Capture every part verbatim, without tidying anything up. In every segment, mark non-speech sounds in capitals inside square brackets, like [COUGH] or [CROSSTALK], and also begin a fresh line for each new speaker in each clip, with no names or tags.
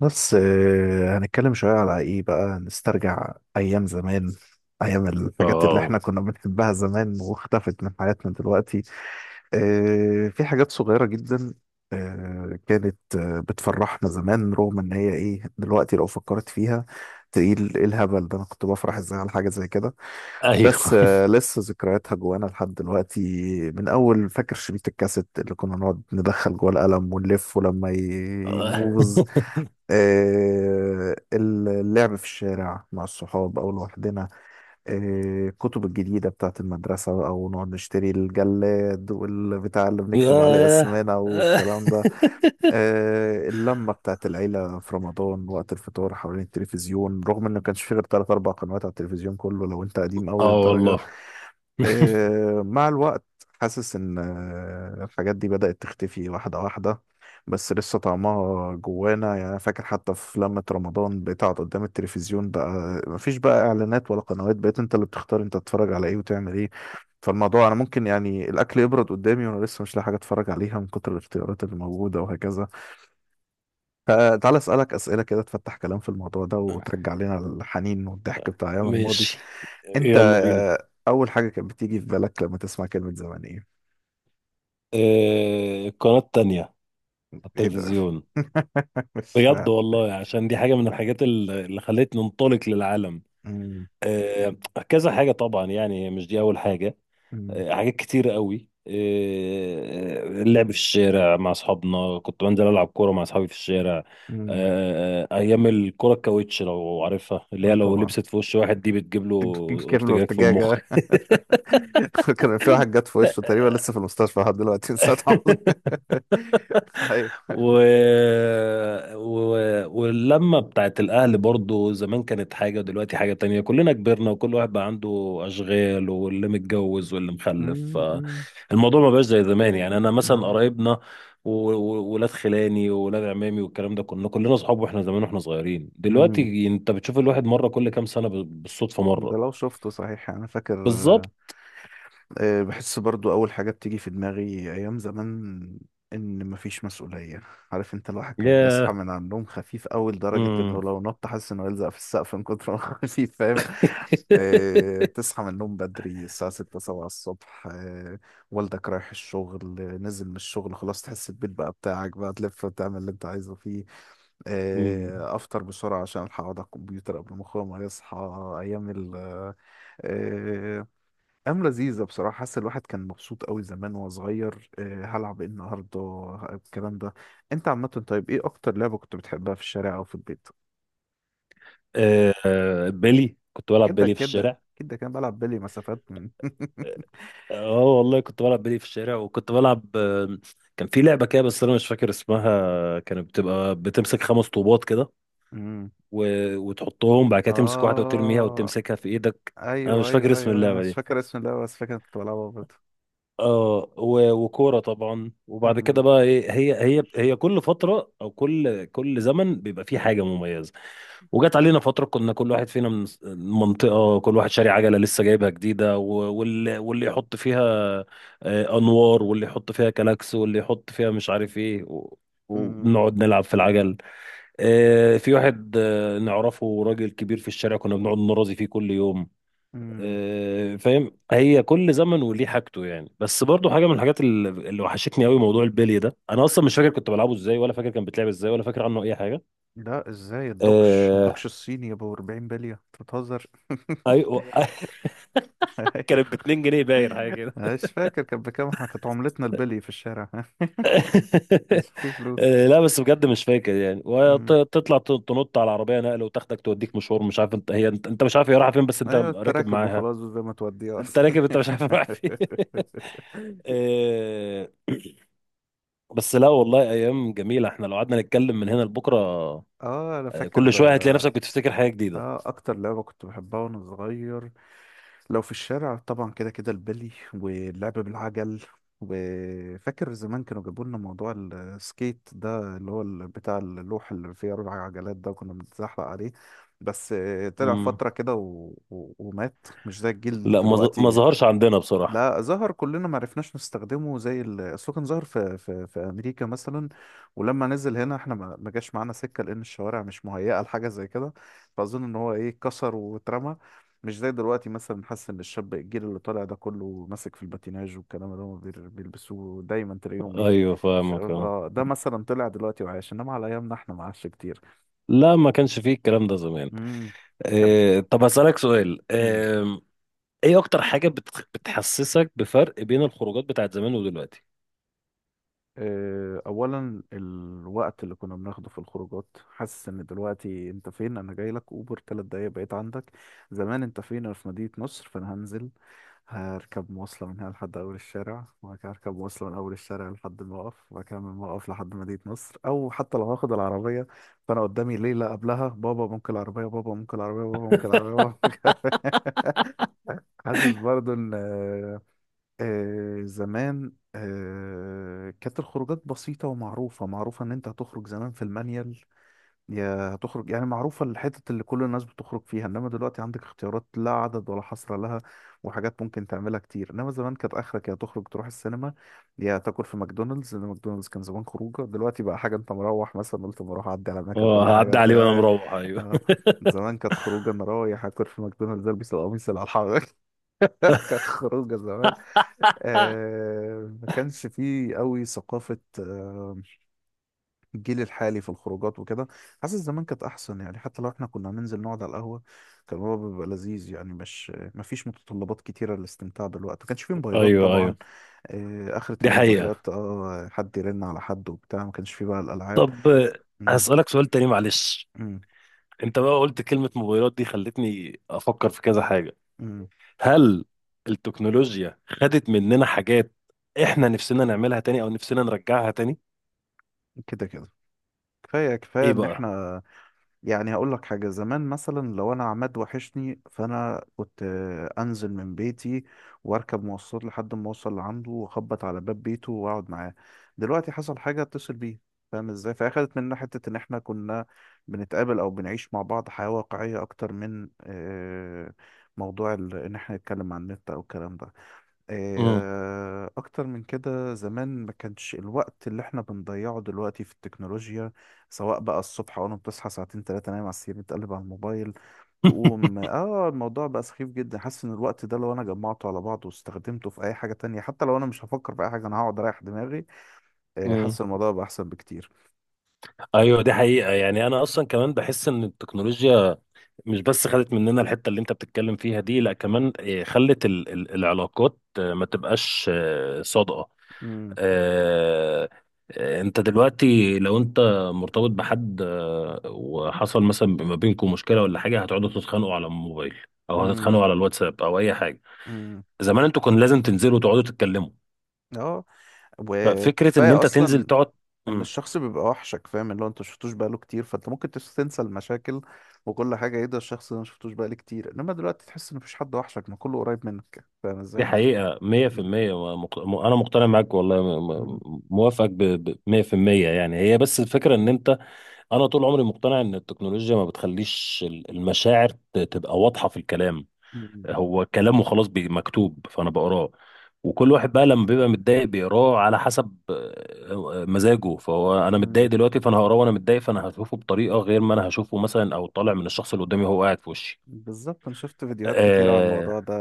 بس آه، هنتكلم شوية على ايه بقى، نسترجع ايام زمان. ايام الحاجات اللي احنا
اه،
كنا بنحبها زمان واختفت من حياتنا دلوقتي. آه، في حاجات صغيرة جدا. آه، كانت آه، بتفرحنا زمان، رغم ان هي ايه دلوقتي لو فكرت فيها تقيل. ايه الهبل ده؟ انا كنت بفرح ازاي على حاجة زي كده؟ بس
ايوه.
آه، لسه ذكرياتها جوانا لحد دلوقتي. من اول، فاكر شريط الكاسيت اللي كنا نقعد ندخل جوه القلم ونلف، ولما ي- يبوظ.
[LAUGHS]
آه، اللعب في الشارع مع الصحاب أو لوحدنا. آه، الكتب الجديدة بتاعت المدرسة، أو نقعد نشتري الجلاد والبتاع اللي بنكتب عليه
ياه،
اسمنا
اه.
والكلام ده. آه، اللمة بتاعت العيلة في رمضان وقت الفطار حوالين التلفزيون، رغم إنه ما كانش فيه غير تلات أربع قنوات على التلفزيون كله، لو أنت قديم أوي
آه
للدرجة.
والله. [LAUGHS]
آه، مع الوقت حاسس ان آه، الحاجات دي بدأت تختفي واحدة واحدة. بس لسه طعمها جوانا، يعني أنا فاكر حتى في لمة رمضان بتقعد قدام التلفزيون، بقى مفيش بقى اعلانات ولا قنوات، بقيت انت اللي بتختار انت تتفرج على ايه وتعمل ايه. فالموضوع انا ممكن يعني الاكل يبرد قدامي وانا لسه مش لاقي حاجة اتفرج عليها من كتر الاختيارات اللي موجودة وهكذا. فتعالى اسألك اسئلة كده تفتح كلام في الموضوع ده وترجع لنا الحنين والضحك بتاع ايام الماضي.
ماشي،
انت
يلا بينا.
آه، اول حاجه كانت بتيجي في بالك لما تسمع كلمه زمان ايه؟
آه القناة التانية على
ايه ده؟
التلفزيون.
[LAUGHS] مش
بجد
فاهم.
والله، عشان دي حاجة من الحاجات ال- اللي خلتني انطلق للعالم.
مم.
آه كذا حاجة طبعا، يعني مش دي أول حاجة.
مم.
آه، حاجات كتير قوي، آه، آه، اللعب في الشارع مع اصحابنا، كنت بنزل العب كوره مع اصحابي في الشارع. آه،
مم.
آه، آه، ايام الكوره الكاوتش لو عارفها، اللي
اه
هي لو
طبعا.
لبست في وش واحد دي بتجيب له
[LAUGHS] كامل
ارتجاج في المخ.
ارتجاجة. [LAUGHS] كان في واحد جت في وشه، تقريبا لسه في المستشفى لحد دلوقتي [LAUGHS] من ساعة ما حصل.
[LAUGHS]
[LAUGHS] ايوه.
و... و... واللمة بتاعت الأهل برضو زمان كانت حاجة ودلوقتي حاجة تانية، كلنا كبرنا وكل واحد بقى عنده أشغال، واللي متجوز واللي مخلف.
مم. مم.
الموضوع ما بقاش زي زمان، يعني أنا مثلا
اه.
قرايبنا وولاد خلاني وولاد عمامي والكلام ده، كنا كلنا أصحاب وإحنا زمان وإحنا صغيرين.
مم.
دلوقتي أنت بتشوف الواحد مرة كل كام سنة ب- بالصدفة
ده
مرة.
لو شفته صحيح، انا فاكر.
بالظبط.
آه، بحس برضو أول حاجة بتيجي في دماغي أيام زمان إن مفيش مسؤولية. عارف أنت الواحد كان بيصحى
ياه.
من على النوم خفيف أوي لدرجة إنه
امم.
لو نط حاسس إنه يلزق في السقف من كتر ما هو [LAUGHS] خفيف، فاهم؟ آه، بتصحى من النوم بدري الساعة ستة سبعة الصبح، آه، والدك رايح الشغل، آه، نزل من الشغل خلاص، تحس البيت بقى بتاعك، بقى تلف وتعمل اللي أنت عايزه فيه.
امم. [LAUGHS]
آه، افطر بسرعه عشان الحق اقعد على الكمبيوتر قبل ما اخويا ما يصحى. ايام ال آه، أيام لذيذة بصراحة، حاسس الواحد كان مبسوط قوي زمان وهو صغير. آه، هلعب ايه النهاردة؟ آه، الكلام ده. انت عامة، طيب ايه أكتر لعبة كنت بتحبها في الشارع أو في البيت؟
آه، آه، بيلي، كنت بلعب
كده
بيلي في
كده
الشارع.
كده، كان بلعب بلي مسافات من- [LAUGHS]
اه والله كنت بلعب بلي في الشارع، وكنت بلعب. آه، كان في لعبة كده بس انا مش فاكر اسمها، كانت بتبقى بتمسك خمس طوبات كده
امم.
و... وتحطهم، بعد كده تمسك واحدة وترميها
اه.
وتمسكها في ايدك. انا
ايوه
مش فاكر
ايوه
اسم
ايوه، انا
اللعبة
مش
دي.
فاكر اسم اللعبه، بس فاكر كنت بلعبها برضه.
اه، و... وكورة طبعا. وبعد
امم.
كده بقى ايه، هي هي هي كل فترة او كل كل زمن بيبقى فيه حاجة مميزة. وجات علينا فترة كنا كل واحد فينا من منطقة، كل واحد شاري عجلة لسه جايبها جديدة، و- واللي واللي يحط فيها آه، أنوار، واللي يحط فيها كلاكس، واللي يحط فيها مش عارف إيه، و-
امم.
ونقعد نلعب في العجل. آه، في واحد آه، نعرفه، راجل كبير في الشارع، كنا بنقعد نرازي فيه كل يوم.
امم.
آه، فاهم، هي كل زمن وليه حاجته، يعني بس برضو حاجة من الحاجات اللي اللي وحشتني قوي موضوع البلي ده، أنا أصلا مش فاكر كنت بلعبه إزاي، ولا فاكر كان بيتلعب إزاي، ولا فاكر عنه أي حاجة.
لا، ازاي؟ الدوكش
آه،
الدوكش الصيني يا ابو أربعين بليه، انت بتهزر! [LAUGHS]
ايوه. [LAUGHS] كانت ب اتنين جنيه باين، حاجه
[LAUGHS]
كده.
مش فاكر كانت بكام، احنا كانت عملتنا البلي في الشارع. [LAUGHS] كانش
[LAUGHS]
فيه فلوس.
آه، لا بس بجد مش فاكر يعني،
أمم.
وتطلع ت- تنط على العربيه نقل وتاخدك توديك مشوار، مش عارف انت، هي انت, انت مش عارف هي رايحه فين، بس انت
ايوه
راكب
التراكب
معاها.
وخلاص، زي ما توديه
انت
اصلا.
راكب، انت مش عارف رايح فين. [LAUGHS]
[LAUGHS]
آه، بس لا والله ايام جميله، احنا لو قعدنا نتكلم من هنا لبكره.
اه، انا
آه،
فاكر.
كل شويه هتلاقي نفسك بتفتكر حاجه جديده.
اه، اكتر لعبه كنت بحبها وانا صغير لو في الشارع، طبعا كده كده البلي واللعب بالعجل. وفاكر زمان كانوا جابوا لنا موضوع السكيت ده، اللي هو ال- بتاع اللوح اللي فيه أربع عجلات ده، كنا بنتزحلق عليه. بس آه، طلع
امم.
فترة كده و... و... ومات، مش زي الجيل
لا ما ظ- ما
دلوقتي.
ظهرش عندنا بصراحه.
لا، ظهر، كلنا ما عرفناش نستخدمه زي ال- اصله كان ظهر في في في امريكا مثلا. ولما نزل هنا احنا ما ما جاش معانا سكه، لان الشوارع مش مهيئه لحاجه زي كده. فاظن ان هو ايه، اتكسر واترمى. مش زي دلوقتي، مثلا حاسس ان الشاب الجيل اللي طالع ده كله ماسك في الباتيناج والكلام اللي هم بير- بيلبسوه دايما، تلاقيهم ايه؟
ايوه فاهمك،
شباب
اه.
اه، ده مثلا طلع دلوقتي وعايش، انما على ايامنا احنا ما عادش كتير.
لا ما كانش فيه الكلام ده زمان.
امم كان.
آه، طب هسألك سؤال.
مم.
ايه اكتر حاجة بتخ- بتحسسك بفرق بين الخروجات بتاعت زمان ودلوقتي؟
آه، اولا الوقت اللي كنا بناخده في الخروجات، حاسس ان دلوقتي انت فين، انا جاي لك اوبر ثلاث دقايق بقيت عندك. زمان انت فين؟ انا في مدينة نصر، فانا هنزل هركب مواصلة من هنا لحد اول الشارع، وبعد كده هركب مواصلة من اول الشارع لحد الموقف، وبعد كده من الموقف لحد مدينة نصر، او حتى لو هاخد العربية. فانا قدامي ليلة قبلها، بابا ممكن العربية، بابا ممكن العربية، بابا ممكن العربية، بابا ممكن العربية. [LAUGHS] حاسس برضو ان آه زمان آه كانت الخروجات بسيطة ومعروفة، معروفة إن أنت هتخرج زمان في المانيال، يا هتخرج، يعني معروفة الحتة اللي كل الناس بتخرج فيها، إنما دلوقتي عندك اختيارات لا عدد ولا حصر لها، وحاجات ممكن تعملها كتير. إنما زمان كانت آخرك يا تخرج تروح السينما، يا تاكل في ماكدونالدز، لأن ماكدونالدز كان زمان خروجة، دلوقتي بقى حاجة أنت مروح مثلا قلت مروح أعدي على ماكا
اه،
كل حاجة
هعدي عليه وانا
تا-
مروح، ايوه.
آه. زمان كانت خروجة أنا رايح أكل في ماكدونالدز، ألبس القميص اللي على الحرارة. [LAUGHS] كانت خروجه زمان.
[LAUGHS]
آه، ما كانش فيه قوي ثقافة آه، الجيل الحالي في الخروجات وكده. حاسس زمان كانت أحسن، يعني حتى لو احنا كنا هننزل نقعد على القهوة، كان هو بيبقى لذيذ، يعني مش ما فيش متطلبات كتيرة للاستمتاع بالوقت، ما كانش فيه موبايلات
ايوه،
طبعا.
ايوه،
آه، آخرة
دي حقيقة.
الموبايلات اه، حد يرن على حد وبتاع، ما كانش فيه بقى الألعاب.
طب آه،
مم.
هسألك سؤال تاني معلش.
مم.
انت بقى قلت كلمة موبايلات دي، خلتني افكر في كذا حاجة.
مم.
هل التكنولوجيا خدت مننا حاجات احنا نفسنا نعملها تاني او نفسنا نرجعها تاني؟
كده كده، كفاية كفاية
ايه
إن
بقى؟
احنا، يعني هقول لك حاجة، زمان مثلا لو أنا عماد وحشني فأنا كنت آه، أنزل من بيتي وأركب مواصلات لحد ما أوصل لعنده وأخبط على باب بيته وأقعد معاه. دلوقتي حصل حاجة أتصل بيه، فاهم إزاي؟ فأخدت مننا حتة إن إحنا كنا بنتقابل أو بنعيش مع بعض حياة واقعية أكتر من آه، موضوع ال- إن إحنا نتكلم عن النت أو الكلام ده.
امم.
آه، أكتر من كده زمان ما كانش الوقت اللي احنا بنضيعه دلوقتي في التكنولوجيا. سواء بقى الصبح أول ما بتصحى ساعتين تلاتة نايم على السرير بتقلب على الموبايل، تقوم
[LAUGHS]
اه، الموضوع بقى سخيف جدا. حاسس ان الوقت ده لو انا جمعته على بعضه واستخدمته في اي حاجة تانية، حتى لو انا مش هفكر في اي حاجة انا هقعد اريح دماغي. آه،
امم.
حاسس الموضوع بقى احسن بكتير.
ايوه دي حقيقة، يعني انا اصلا كمان بحس ان التكنولوجيا مش بس خدت مننا الحتة اللي انت بتتكلم فيها دي، لا كمان آه، خلت ال- ال- العلاقات آه، ما تبقاش آه، صادقة.
امم.
آه، آه، انت دلوقتي لو انت مرتبط بحد آه، وحصل مثلا ما بينكم مشكلة ولا حاجة، هتقعدوا تتخانقوا على الموبايل او
امم.
هتتخانقوا على الواتساب او اي حاجة.
امم.
زمان انتوا كان لازم تنزلوا تقعدوا تتكلموا.
اه
ففكرة ان
وكفاية
انت تنزل
اصلا،
تقعد.
ان
مم.
الشخص بيبقى وحشك، فاهم، اللي هو انت مشفتوش بقاله كتير فانت ممكن تس- تنسى المشاكل وكل حاجه. ايه ده، الشخص ده مشفتوش بقالي كتير، انما دلوقتي تحس ان مفيش حد وحشك، ما كله قريب منك، فاهم
دي
ازاي؟
حقيقة مية في
م-
المية ومق- م- أنا مقتنع معاك والله، م-
م-
م- موافقك بمية في المية، يعني هي بس الفكرة إن أنت. انا طول عمري مقتنع ان التكنولوجيا ما بتخليش ال- المشاعر ت- تبقى واضحه في الكلام.
م-
هو كلامه خلاص بي- مكتوب فانا بقراه، وكل واحد بقى لما بيبقى متضايق بيقراه على حسب آه، آه، مزاجه. فهو انا
م-
متضايق دلوقتي فانا هقراه وانا متضايق، فانا هشوفه بطريقه غير ما انا هشوفه مثلا او طالع من الشخص اللي قدامي وهو قاعد في وشي.
بالظبط، انا شفت فيديوهات كتير على
آه
الموضوع ده.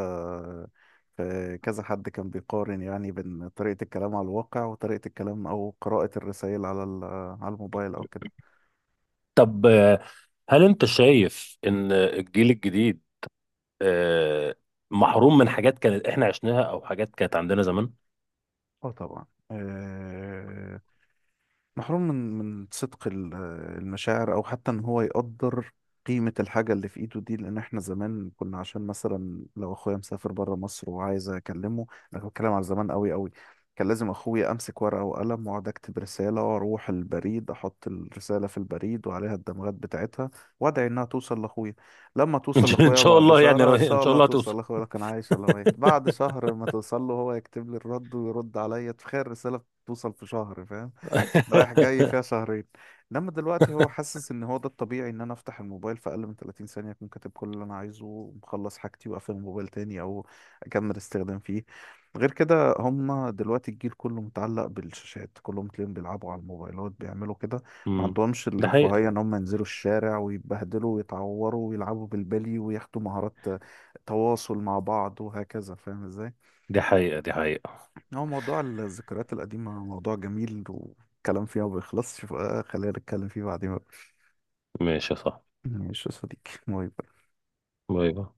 في كذا حد كان بيقارن يعني بين طريقه الكلام على الواقع وطريقه الكلام او قراءه الرسائل على ال- على الموبايل او كده.
طب آه، هل انت شايف ان الجيل الجديد آه محروم من حاجات كانت احنا عشناها او حاجات كانت عندنا زمان؟
اه طبعا. آه، محروم من من صدق ال- المشاعر، او حتى ان هو يقدر قيمة الحاجة اللي في ايده دي، لان احنا زمان كنا، عشان مثلا لو اخويا مسافر بره مصر وعايز اكلمه، انا بتكلم على زمان قوي قوي، كان لازم اخويا امسك ورقة وقلم واقعد اكتب رسالة واروح البريد احط الرسالة في البريد وعليها الدمغات بتاعتها وادعي انها توصل لاخويا. لما
ان
توصل
شاء إن
لاخويا
شاء
بعد
الله، يعني
شهر،
رو-
ان
ان
شاء
شاء
الله
الله هتوصل.
توصل لاخويا، لو كان عايش ولا ميت، بعد شهر ما توصل له هو يكتب لي الرد ويرد عليا. تخيل الرسالة توصل في شهر، فاهم؟ رايح جاي
[LAUGHS]
فيها شهرين. انما دلوقتي هو حاسس ان هو ده الطبيعي، ان انا افتح الموبايل في اقل من ثلاثين ثانية اكون كاتب كل اللي انا عايزه ومخلص حاجتي واقفل الموبايل تاني، او اكمل استخدام فيه. غير كده، هم دلوقتي الجيل كله متعلق بالشاشات، كلهم تلاقيهم بيلعبوا على الموبايلات بيعملوا كده. ما
امم.
عندهمش
دي حقيقة،
الرفاهية ان هم ينزلوا الشارع ويتبهدلوا ويتعوروا ويلعبوا بالبلي وياخدوا مهارات تواصل مع بعض وهكذا، فاهم ازاي؟
دي حقيقة، دي حقيقة.
هو موضوع الذكريات القديمة موضوع جميل والكلام فيها ما بيخلصش، فخلينا نتكلم فيه بعدين بقى.
ماشي، صح.
ماشي يا صديقي، باي باي.
باي باي.